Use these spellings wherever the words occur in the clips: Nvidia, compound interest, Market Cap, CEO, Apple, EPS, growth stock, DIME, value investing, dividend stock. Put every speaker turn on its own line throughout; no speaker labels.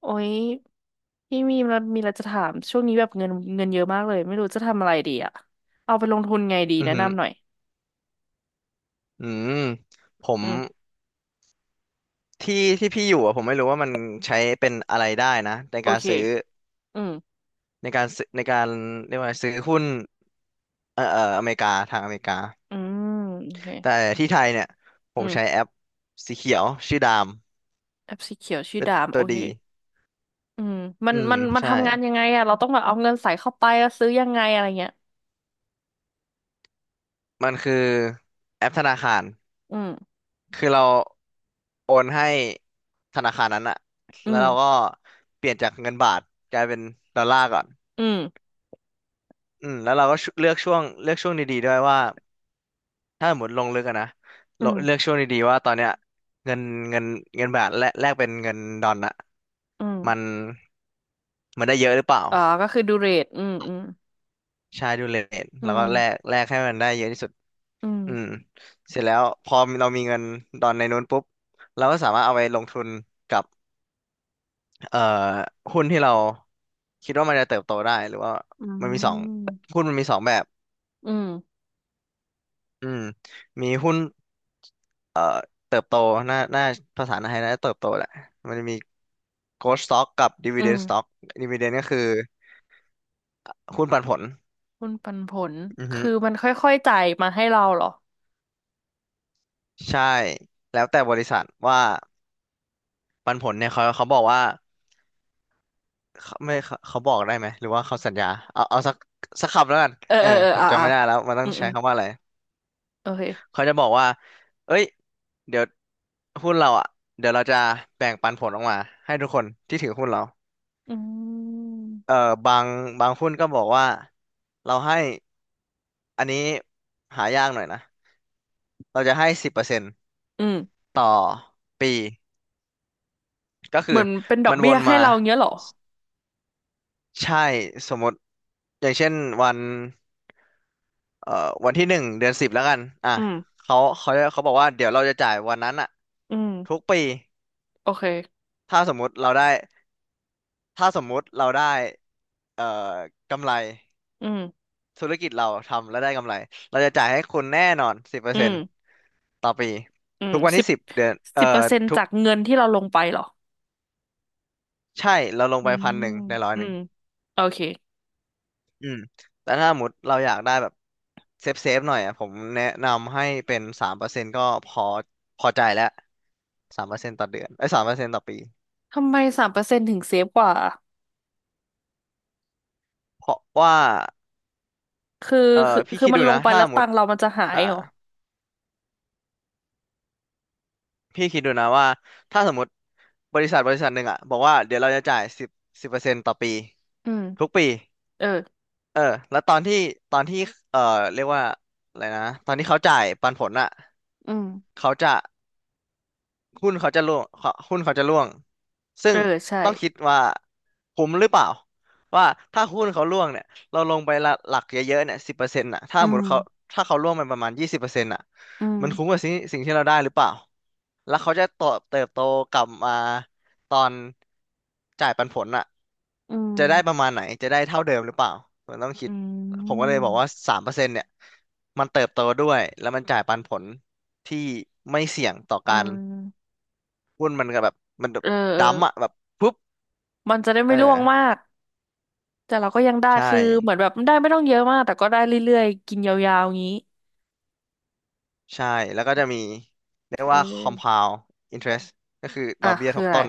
โอ้ยพี่มีมมีอะไรจะถามช่วงนี้แบบเงินเงินเยอะมากเลยไม่รู้จะทำอะไรดีอะเอาไปลงทุนไงดี
อือ
แนะ
หือ
นำหน่อย
อืมผม
อืม
ที่ที่พี่อยู่อะผมไม่รู้ว่ามันใช้เป็นอะไรได้นะ
โอเคอืม
ในการเรียกว่าซื้อหุ้นอเมริกาทางอเมริกา
อืมโอเค
แต่ที่ไทยเนี่ยผ
อื
ม
ม
ใช้แอปสีเขียวชื่อดาม
แอปสีเขียวชื่อ
เป็น
ดาม
ตั
โอ
ว
เค
ดี
อืมมัน
อืม
มันมัน
ใช่
ทำงานยังไงอะเราต้องแบบเอาเงินใส่เข้าไปแล้วซื้อยังไงอะไรเงี้ย
มันคือแอปธนาคาร
อืม
คือเราโอนให้ธนาคารนั้นอะ
อื
แล้วเราก็
ม
เปลี่ยนจากเงินบาทกลายเป็นดอลลาร์ก่อน
อืม
แล้วเราก็ชุเลือกช่วงเลือกช่วงดีๆด้วยว่า ถ้าสมมติลงลึกอะนะ
อื
เลือก
ม
ช่วงดีๆว่าตอนเนี้ยเงินเงินเงินบาทแลกเป็นเงินดอลลาร์อะ
อืม
มันมันได้เยอะหรือเปล่า
ก็คือดูเรทอืมอืม
ใช่ดูเรท
อื
แล้ว
ม
ก็แลกให้มันได้เยอะที่สุด
อื
อืม
ม
เสร็จแล้วพอเรามีเงินดอนในนู้นปุ๊บเราก็สามารถเอาไปลงทุนกับเอ่อหุ้นที่เราคิดว่ามันจะเติบโตได้หรือว่า
อื
มันมีสอง
ม
หุ้นมันมีสองแบบ
อืม
อืมมีหุ้นเอ่อเติบโตหน่าหน่าภาษาไทยน่าจะเติบโตแหละมันจะมี growth stock กับ
อืม
dividend stock dividend ก็คือหุ้นปันผล
หุ้นปันผล
อือฮึ
คือมันค่อยๆจ่ายมาให้เราเหรอ
ใช่แล้วแต่บริษัทว่าปันผลเนี่ยเขาบอกว่าเขาบอกได้ไหมหรือว่าเขาสัญญาเอาสักคำแล้วกัน
เออ
เออ
เออเออ
ผม
อ่ะ
จำ
อ่ะ
ไม่ได้แล้วมันต้อ
อื
ง
มอื
ใช้
ม
คำว่าอะไร
โอเค
เขาจะบอกว่าเอ้ยเดี๋ยวหุ้นเราอ่ะเดี๋ยวเราจะแบ่งปันผลออกมาให้ทุกคนที่ถือหุ้นเรา
อืม
เอ่อบางบางหุ้นก็บอกว่าเราให้อันนี้หายากหน่อยนะเราจะให้สิบเปอร์เซ็นต์
อืม
ต่อปีก็คื
เห
อ
มือนเป็นดอ
มั
ก
นว
เบี้ย
น
ให้
มา
เราเงี้ยเหรอ
ใช่สมมติอย่างเช่นวันวันที่หนึ่งเดือนสิบแล้วกันอ่ะ
อืม
เขาบอกว่าเดี๋ยวเราจะจ่ายวันนั้นอะ
อื
ทุก
ม
ปี
โอเค
ถ้าสมมุติเราได้ถ้าสมมุติเราได้กำไร
อืม
ธุรกิจเราทำแล้วได้กำไรเราจะจ่ายให้คุณแน่นอนสิบเปอร์
อื
เซ็น
ม
ต์ต่อปี
อืม
ทุกวัน
สิ
ที่
บ
สิบเดือน
สิบเปอร์เซ็นต์
ทุก
จากเงินที่เราลงไปเหรอ
ใช่เราลง
อื
ไปพัน
ม
หนึ่งในร้อย
อื
หนึ่ง
มโอเค
อืมแต่ถ้าสมมติเราอยากได้แบบเซฟหน่อยอ่ะผมแนะนำให้เป็นสามเปอร์เซ็นต์ก็พอพอใจแล้วสามเปอร์เซ็นต์ต่อเดือนไอ้สามเปอร์เซ็นต์ต่อปี
ทำไม3%ถึงเซฟกว่า
เพราะว่า
คือ
เออ
คือ
พี่
คือ
คิด
มั
ดู
นลง
นะ
ไป
ถ้า
แล้ว
สมม
ตัง
ติ
ค์เรามันจะหาย
อ่า
เหรอ
พี่คิดดูนะว่าถ้าสมมติบริษัทบริษัทหนึ่งอ่ะบอกว่าเดี๋ยวเราจะจ่ายสิบเปอร์เซ็นต์ต่อปี
อืม
ทุกปี
เออ
เออแล้วตอนที่เออเรียกว่าอะไรนะตอนที่เขาจ่ายปันผลอ่ะ
อืม
เขาจะ หุ้นเขาจะร่วงเขาหุ้นเขาจะร่วง ซึ่
เอ
ง
อใช่
ต้องคิดว่าคุ้มหรือเปล่า ว่าถ้าหุ้นเขาร่วงเนี่ยเราลงไปละหลักเยอะๆเนี่ยสิบเปอร์เซ็นต์่ะถ้า
อื
หม
ม
ดเขาถ้าเขาร่วงไปประมาณยี่สิบเปอร์เซ็นต์่ะ
อืม
มันคุ้มกับสิ่งที่เราได้หรือเปล่าแล้วเขาจะเติบโตกลับมาตอนจ่ายปันผลอ่ะ
อืม
จะได้ประมาณไหน จะได้เท่าเดิมหรือเปล่ามันต้องคิ
อื
ดผมก็
ม
เลยบอกว่าสามเปอร์เซ็นต์เนี่ยมันเติบโตด้วยแล้วมันจ่ายปันผลที่ไม่เสี่ยงต่อ
อื
การ
ม
หุ้นมันก็แบบมันแบบ
เออเออ
ดั้มป์อะแบบปุ๊บ
มันจะได้
เอ
ไม่ร่วง
อ
มากแต่เราก็ยังได้
ใช่
คือเหมือนแบบได้ไม่ต้องเยอะมากแต่ก็ได้เรื่อยๆกินยาวๆงี้
ใช่แล้วก็จะมีเรียก
เอ
ว่า
อ
compound interest ก็คือด
อ่ะ
อกเบี้ยท
คือ
บ
อะไร
ต้น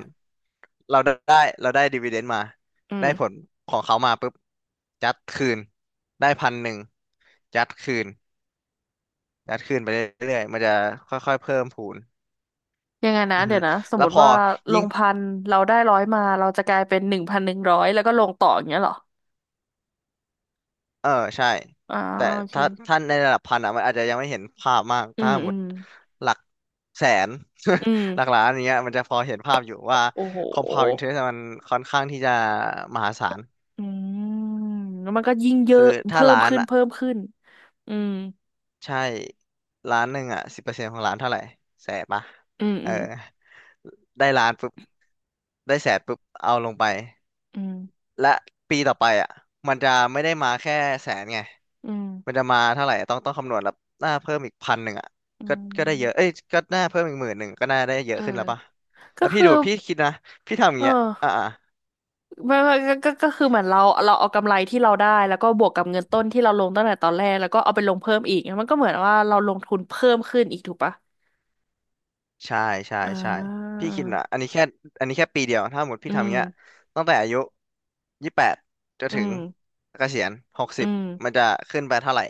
เราได้เราได้ dividend มา
อืม
ได้ผลของเขามาปุ๊บยัดคืนได้พันหนึ่งยัดคืนยัดคืนไปเรื่อยๆมันจะค่อยๆเพิ่มพูน
ยังไงนะ
อือ
เดี๋
ฮึ
ยวนะสม
แล้
ม
วพ
ติ
อ
ว่าล
ยิ่ง
งพันเราได้ร้อยมาเราจะกลายเป็น1,100แล้วก็ลงต่ออย่างเงี้ยเหรอ
เออใช่
อ่า
แต่
โอเค
ถ้าในระดับพันอ่ะมันอาจจะยังไม่เห็นภาพมาก
อื
ถ้า
ม
ห
อื
มด
ม
หลักแสน
อืม
หลักล้านอย่างเงี้ยมันจะพอเห็นภาพอยู่ว่า
โอ้โห
compound interest มันค่อนข้างที่จะมหาศาล
อืมแล้วมันก็ยิ่งเยอะ
คือถ้า
เพิ่ม
ล้าน
ขึ้น
อ่ะ
เพิ่มขึ้นอืม
ใช่ล้านหนึ่งอ่ะสิบเปอร์เซ็นต์ของล้านเท่าไหร่แสนปะ
อืม
เอ
อื
อ
ม
ได้ล้านปุ๊บได้แสนปุ๊บเอาลงไป
อืม
และปีต่อไปอ่ะมันจะไม่ได้มาแค่แสนไง
อืม
มันจะมาเท่าไหร่ต้องคำนวณแล้วหน้าเพิ่มอีกพันหนึ่งอ่ะ
อื
ก็ได้เยอะเอ้
ม
ยก็หน้าเพิ่มอีกหมื่นหนึ่งก็น่าได้เยอะ
เออ
ขึ้นแล้วป่ะแล้
ก็
วพี่
คื
ดู
อ
พี่คิดนะพี่ทำอย่าง
เออ
เงี้ยอ่าอ่า
ไม่ก็คือเหมือนเราเอากำไรที่เราได้แล้วก็บวกกับเงินต้นที่เราลงตั้งแต่ตอนแรกแล้วก็เอาไปลงเพิ่มอีกมันก็เหมือนว่าเราลงทุนเพิ่มขึ้นอีกถูกปะ
ใช่ใช่
อ่
ใช่
า
พี่คิดนะอันนี้แค่อันนี้แค่ปีเดียวถ้าหมด
อื
พี่ทำอ
ม
ย่างเงี้ยตั้งแต่อายุยี่สิบแปดจน
อื
ถึง
ม
เกษียณหก
อื
สิบ
ม
มันจะขึ้นไปเท่าไหร่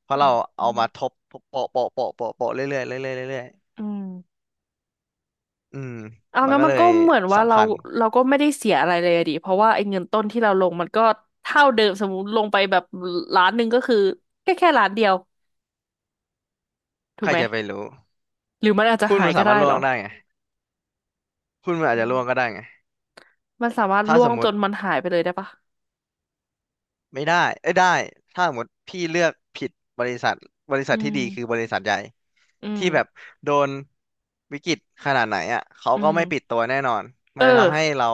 เพ
อ
ราะเราเอา
ืม
มาทบโปะโปะโปะโปะโปะเรื่อยเรื่อยเรื่อยเรื่อยเรื่อย
อืม
ๆอืม
เอา
มัน
งั้น
ก็
มั
เล
น
ย
ก็เหมือนว่า
สำ
เรา
คัญ
เราก็ไม่ได้เสียอะไรเลยอะดิเพราะว่าไอ้เงินต้นที่เราลงมันก็เท่าเดิมสมมติลงไปแบบล้านหนึ่งก็คือแค่ล้านเดียวถู
ใค
ก
ร
ไหม
จะไปรู้
หรือมันอาจจะ
หุ้น
หา
มั
ย
น
ก็
สา
ได้
มารถล่
เหร
ว
อ
งได้ไง หุ้นมันอาจ
อื
จะร่
ม
วงก็ได้ไง
มันสามารถ
ถ้า
ล่ว
ส
ง
มม
จ
ติ
นมันหายไปเลยได้ปะ
ไม่ได้เอ้ยได้ถ้าสมมติพี่เลือกผิดบริษัทบริษั
อื
ทที่
ม
ดีคือบริษัทใหญ่
อืม
ที่แบบโดนวิกฤตขนาดไหนอ่ะเขา
อื
ก็
ม
ไม่ปิดตัวแน่นอนมั
เอ
น
อ
จะทำให้เรา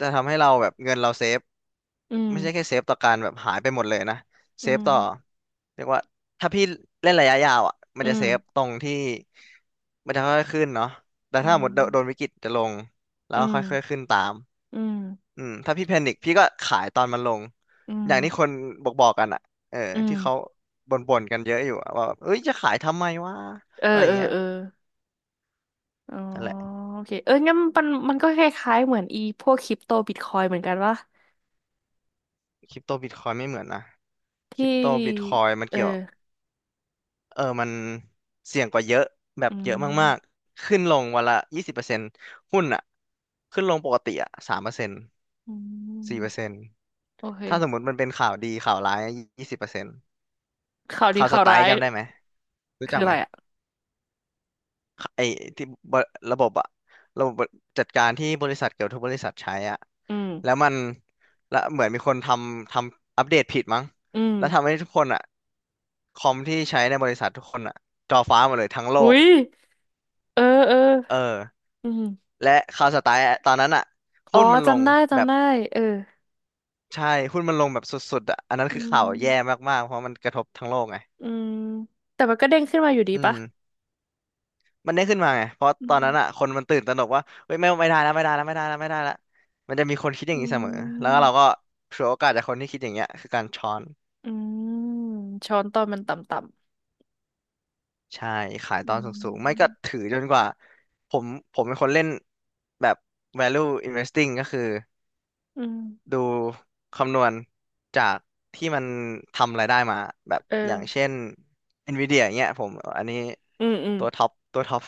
จะทำให้เราแบบเงินเราเซฟ
อืม
ไม่ใช่แค่เซฟต่อการแบบหายไปหมดเลยนะ
อื
เซฟต่อ
ม
เรียกว่าถ้าพี่เล่นระยะยาวอ่ะมัน
อื
จะ
ม
เซฟตรงที่มันจะค่อยๆขึ้นเนาะแต่
อื
ถ้าหมดโดนวิ
ม
กฤตจะลงแล้ว
อืม
ค่อยๆขึ้นตาม
อืม
อืมถ้าพี่แพนิคพี่ก็ขายตอนมันลง
อื
อ
ม
ย่างที่คนบอกกันอ่ะเออ
อืม
ที่เขาบ่นๆกันเยอะอยู่อะว่าแบบเอ้ยจะขายทำไมวะ
เออ
อะไร
เออ
เงี้ย
เอออ๋อ
นั่นแหละ
โอเคเอองั้นมันมันก็คล้ายๆเหมือนอีพวกคริปโตบิตคอยเหมือนกันวะ
คริปโตบิตคอยไม่เหมือนนะค
ที
ริปโตบิตค
่
อยมัน
เอ
เกี่ยว
อ
เออมันเสี่ยงกว่าเยอะแบ
อื
บเยอะมาก
ม
ๆขึ้นลงวันละยี่สิบเปอร์เซ็นต์หุ้นอ่ะขึ้นลงปกติอ่ะสามเปอร์เซ็นต์
อืม
สี่เปอร์เซ็นต์
โอเค
ถ้าสมมติมันเป็นข่าวดีข่าวร้ายยี่สิบเปอร์เซ็นต์
ข่าวดี
ข่าวส
ข่าว
ไต
ร้า
ล์
ย
จำได้ไหมรู้
คื
จั
อ
ก
อะ
ไหม
ไรอ่ะ
ไอ้ที่บระบบอะระบบจัดการที่บริษัทเกือบทุกบริษัทใช้อะ
อืม
แล้วมันแล้วเหมือนมีคนทำอัปเดตผิดมั้ง
อืม
แล้วทำให้ทุกคนอะคอมที่ใช้ในบริษัททุกคนอะจอฟ้าหมดเลยทั้งโล
หุ
ก
ยเออเออ
เออ
อืม
และข่าวสไตล์ตอนนั้นอะ
อ๋อ
หุ้นมันลง
จำได้
แบ
จำ
บ
ได้เออ
ใช่หุ้นมันลงแบบสุดๆอะอันนั้น
อื
คือข่าวแย่
ม
มากๆเพราะมันกระทบทั้งโลกไง
อืมแต่มันก็เด้งขึ้นมาอยู่ดี
อื
ปะ
ม มันได้ขึ้นมาไงเพราะ
อื
ตอน
ม
นั้นอ่ะคนมันตื่นตระหนกว่าเฮ้ยไม่ไม่ได้แล้วไม่ได้แล้วไม่ได้แล้วไม่ได้แล้วมันจะมีคนคิดอย่า
อื
งนี้เสมอแล้วก็เราก็
ม
ฉวยโอกาสจากคนที่คิดอย่างเงี้ยคือการช้อน
อืมช้อนตอนมันต่
ใช่ขา
ำ
ย
ๆ
ต
อื
อนสูงๆไม่ก็
ม
ถือจนกว่าผมผมเป็นคนเล่นแบบ value investing ก็คือ
อืม
ดูคำนวณจากที่มันทำรายได้มาแบบ
เออ
อย่างเช่น Nvidia อย่างเงี้ยผมอันนี้
อืมอืม
ตัวท็อปตัวท็อป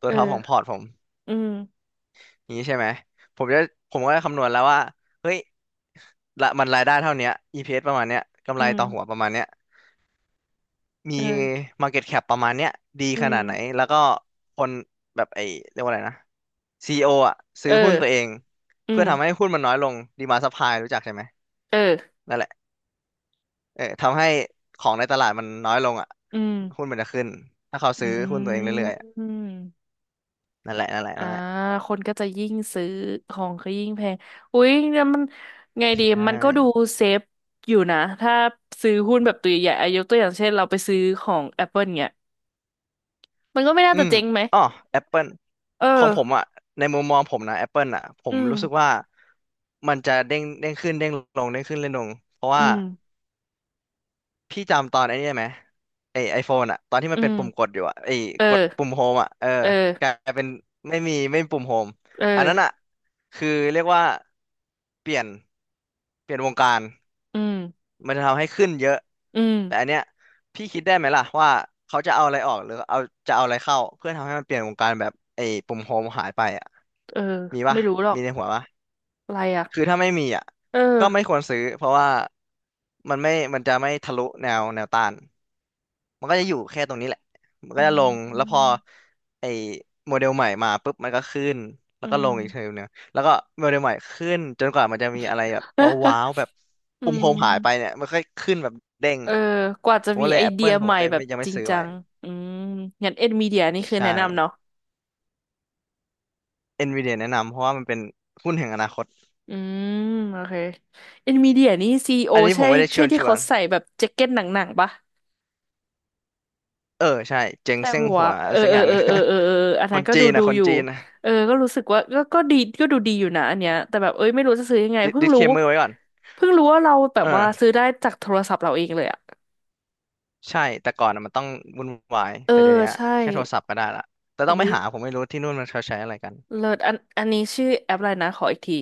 ตัวท็อปของพ
เออ
อร์ตผม
อืม
นี้ใช่ไหมผมจะผมก็จะคำนวณแล้วว่า เฮ้ยละมันรายได้เท่าเนี้ย EPS ประมาณเนี้ยกำ
อื
ไร
ม
ต่อหัวประมาณเนี้ยมี
เออ
Market Cap ประมาณเนี้ยดี
อื
ข
ม
นาดไหน แล้วก็คนแบบไอ้เรียกว่าอะไรนะ CEO อโออ่ะ
เอ
ซื้อหุ้นตัวเอ
อ
ง
อื
เพื่อทำให้
ม
หุ้นมันน้อยลงดีมา d ์ซัพพลายรู้จักใช่ไหม
เออ
นั่นแหละเออทำให้ของในตลาดมันน้อยลงอ่ะ
อืม
หุ้นมันจะขึ้น ถ้าเขาซื้
อื
อหุ้นตัวเองเรื่อยๆอะ
มอ่า
นั่นแหละ
คนก็จะยิ่งซื้อของก็ยิ่งแพงอุ๊ยเนี่ยมันไงดี
ใช่
มันก็ดูเซฟอยู่นะถ้าซื้อหุ้นแบบตัวใหญ่ๆอายกตัวอย่างเช่นเราไปซื้อของ Apple เงี้ยมันก็ไม่น่า
อื
จะ
ม
เจ๊งไหม
อ๋อ Apple
เออ
ของผมอ่ะในมุมมองผมนะ Apple อ่ะผ
อื
ม
ม
รู้สึกว่ามันจะเด้งเด้งขึ้นเด้งลงเด้งขึ้นเด้งลงเพราะ
อื
ว่า
ม
พี่จำตอนไอ้นี่ไหมไอไอโฟนอ่ะตอนที่มั
อื
นเป็น
ม
ปุ่มกดอยู่อ่ะไอ
เออ
กดปุ่มโฮมอ่ะเออ
เอ
กลา
อ
ยเป็นไม่มีปุ่มโฮม
เอ
อันนั้นอ่ะ
อ
คือเรียกว่าเปลี่ยนเปลี่ยนวงการ
อืม
มันจะทำให้ขึ้นเยอะ
อืม
แต่อันเนี้ยพี่คิดได้ไหมล่ะว่าเขาจะเอาอะไรออกหรือเอาจะเอาอะไรเข้าเพื่อทำให้มันเปลี่ยนวงการแบบไอ้ปุ่มโฮมหายไปอ่ะ
เออ
มีปะ
ไม่รู้หรอก
มีในหัวปะ
อะไรอ่ะ
คือถ้าไม่มีอ่ะ
เออ
ก็ไม่ควรซื้อเพราะว่ามันไม่มันจะไม่ทะลุแนวต้าน มันก็จะอยู่แค่ตรงนี้แหละ มัน
อื
ก็จะลงแล้วพอ
ม
ไอ้โมเดลใหม่มาปุ๊บมันก็ขึ้น แล้
อื
วก็ล
ม
งอีกเทอมหนึงแล้วก็โมเดลใหม่ขึ้นจนกว่ามันจะมีอะไรแบบว้าว ๆแบบ
อื
ปุ่มโฮ
ม
มหายไปเนี่ยมันค่อยขึ้นแบบเด้ง
เออกว่าจะ
ผม
มี
ก็เลย
ไอเดีย
Apple ผม
ใหม่
ก็เลย
แบบ
ไม่ยังไม่
จริง
ซื้อ
จั
ไว้
งอืมงั้นเอ็นมีเดียนี่คือ
ใช่
แนะนำเนาะ
Nvidia แนะนำเพราะว่ามันเป็นหุ้นแห่งอนาคต
อืมโอเคเอ็นมีเดียนี่ซีอีโอ
อันนี้ผ
ใช่
มไม่ได้ช
ใช่
วน
ที่
ชว
เขา
น
ใส่แบบแจ็คเก็ตหนังๆปะ
เออใช่เจ๊ง
ใช่
เส้ง
หั
หั
วะ
ว
เออ
สัก
เอ
อ
อ
ย่างห
เออ
นึ่ง
เออเออเอออัน
ค
นั้น
น
ก็
จี
ดู
น
ดู
นะคน
อยู่
จีนนะ
เออก็รู้สึกว่าก็ดีก็ดูดีอยู่นะอันเนี้ยแต่แบบเอ้ยไม่รู้จะซื้อยังไงเพิ่ง
ดิส
รู้
เคมเมอร์ไว้ก่อน
ว่าเราแบ
เอ
บ
อ
ว่าซื้อได้จากโทรศัพท์เราเองเลยอะ
ใช่ แต่ก่อนน่ะมันต้องวุ่นวาย
เออ
แต่เดี๋ยวนี้
ใช่
แค่โทรศัพท์ก็ได้ละแต่ต้อง
อุ๊
ไป
ย
หา ผมไม่รู้ที่นู่นมันเขาใช้อะไรกัน
เลิศอันอันนี้ชื่อแอปอะไรนะขออีกที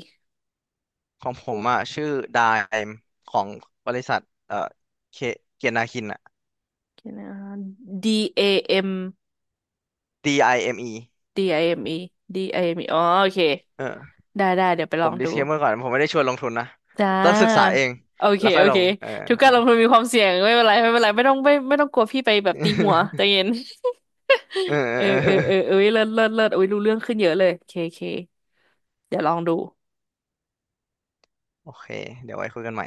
ของผมอ่ะชื่อดไอเอ็มของบริษัทเอ่อเคเกียรตินาคินอ่ะ
เดี๋ยวนะ DAM
DIME เอมอ
DIME DIME อ๋อโอเค
เออ
ได้ได้เดี๋ยวไปล
ผ
อ
ม
งดู
disclaimer ก่อนผมไม่ได้ชวนลงทุนนะ
จ้า
ต้องศึกษาเอง
โอเค
แล้วค่อ
โอ
ยล
เค
ง
ทุกการลงทุนมีความเสี่ยงไม่เป็นไรไม่เป็นไรไม่ต้องกลัวพี่ไปแบบตีหัวใจเย็น
เออเออ
เออ
เออ
เอ
เอ
อเออ
อ
เอ้ยเลิศเลิศเลิศอุ้ยรู้เรื่องขึ้นเยอะเลยเคเคเดี๋ยวลองดู
โอเคเดี๋ยวไว้คุยกันใหม่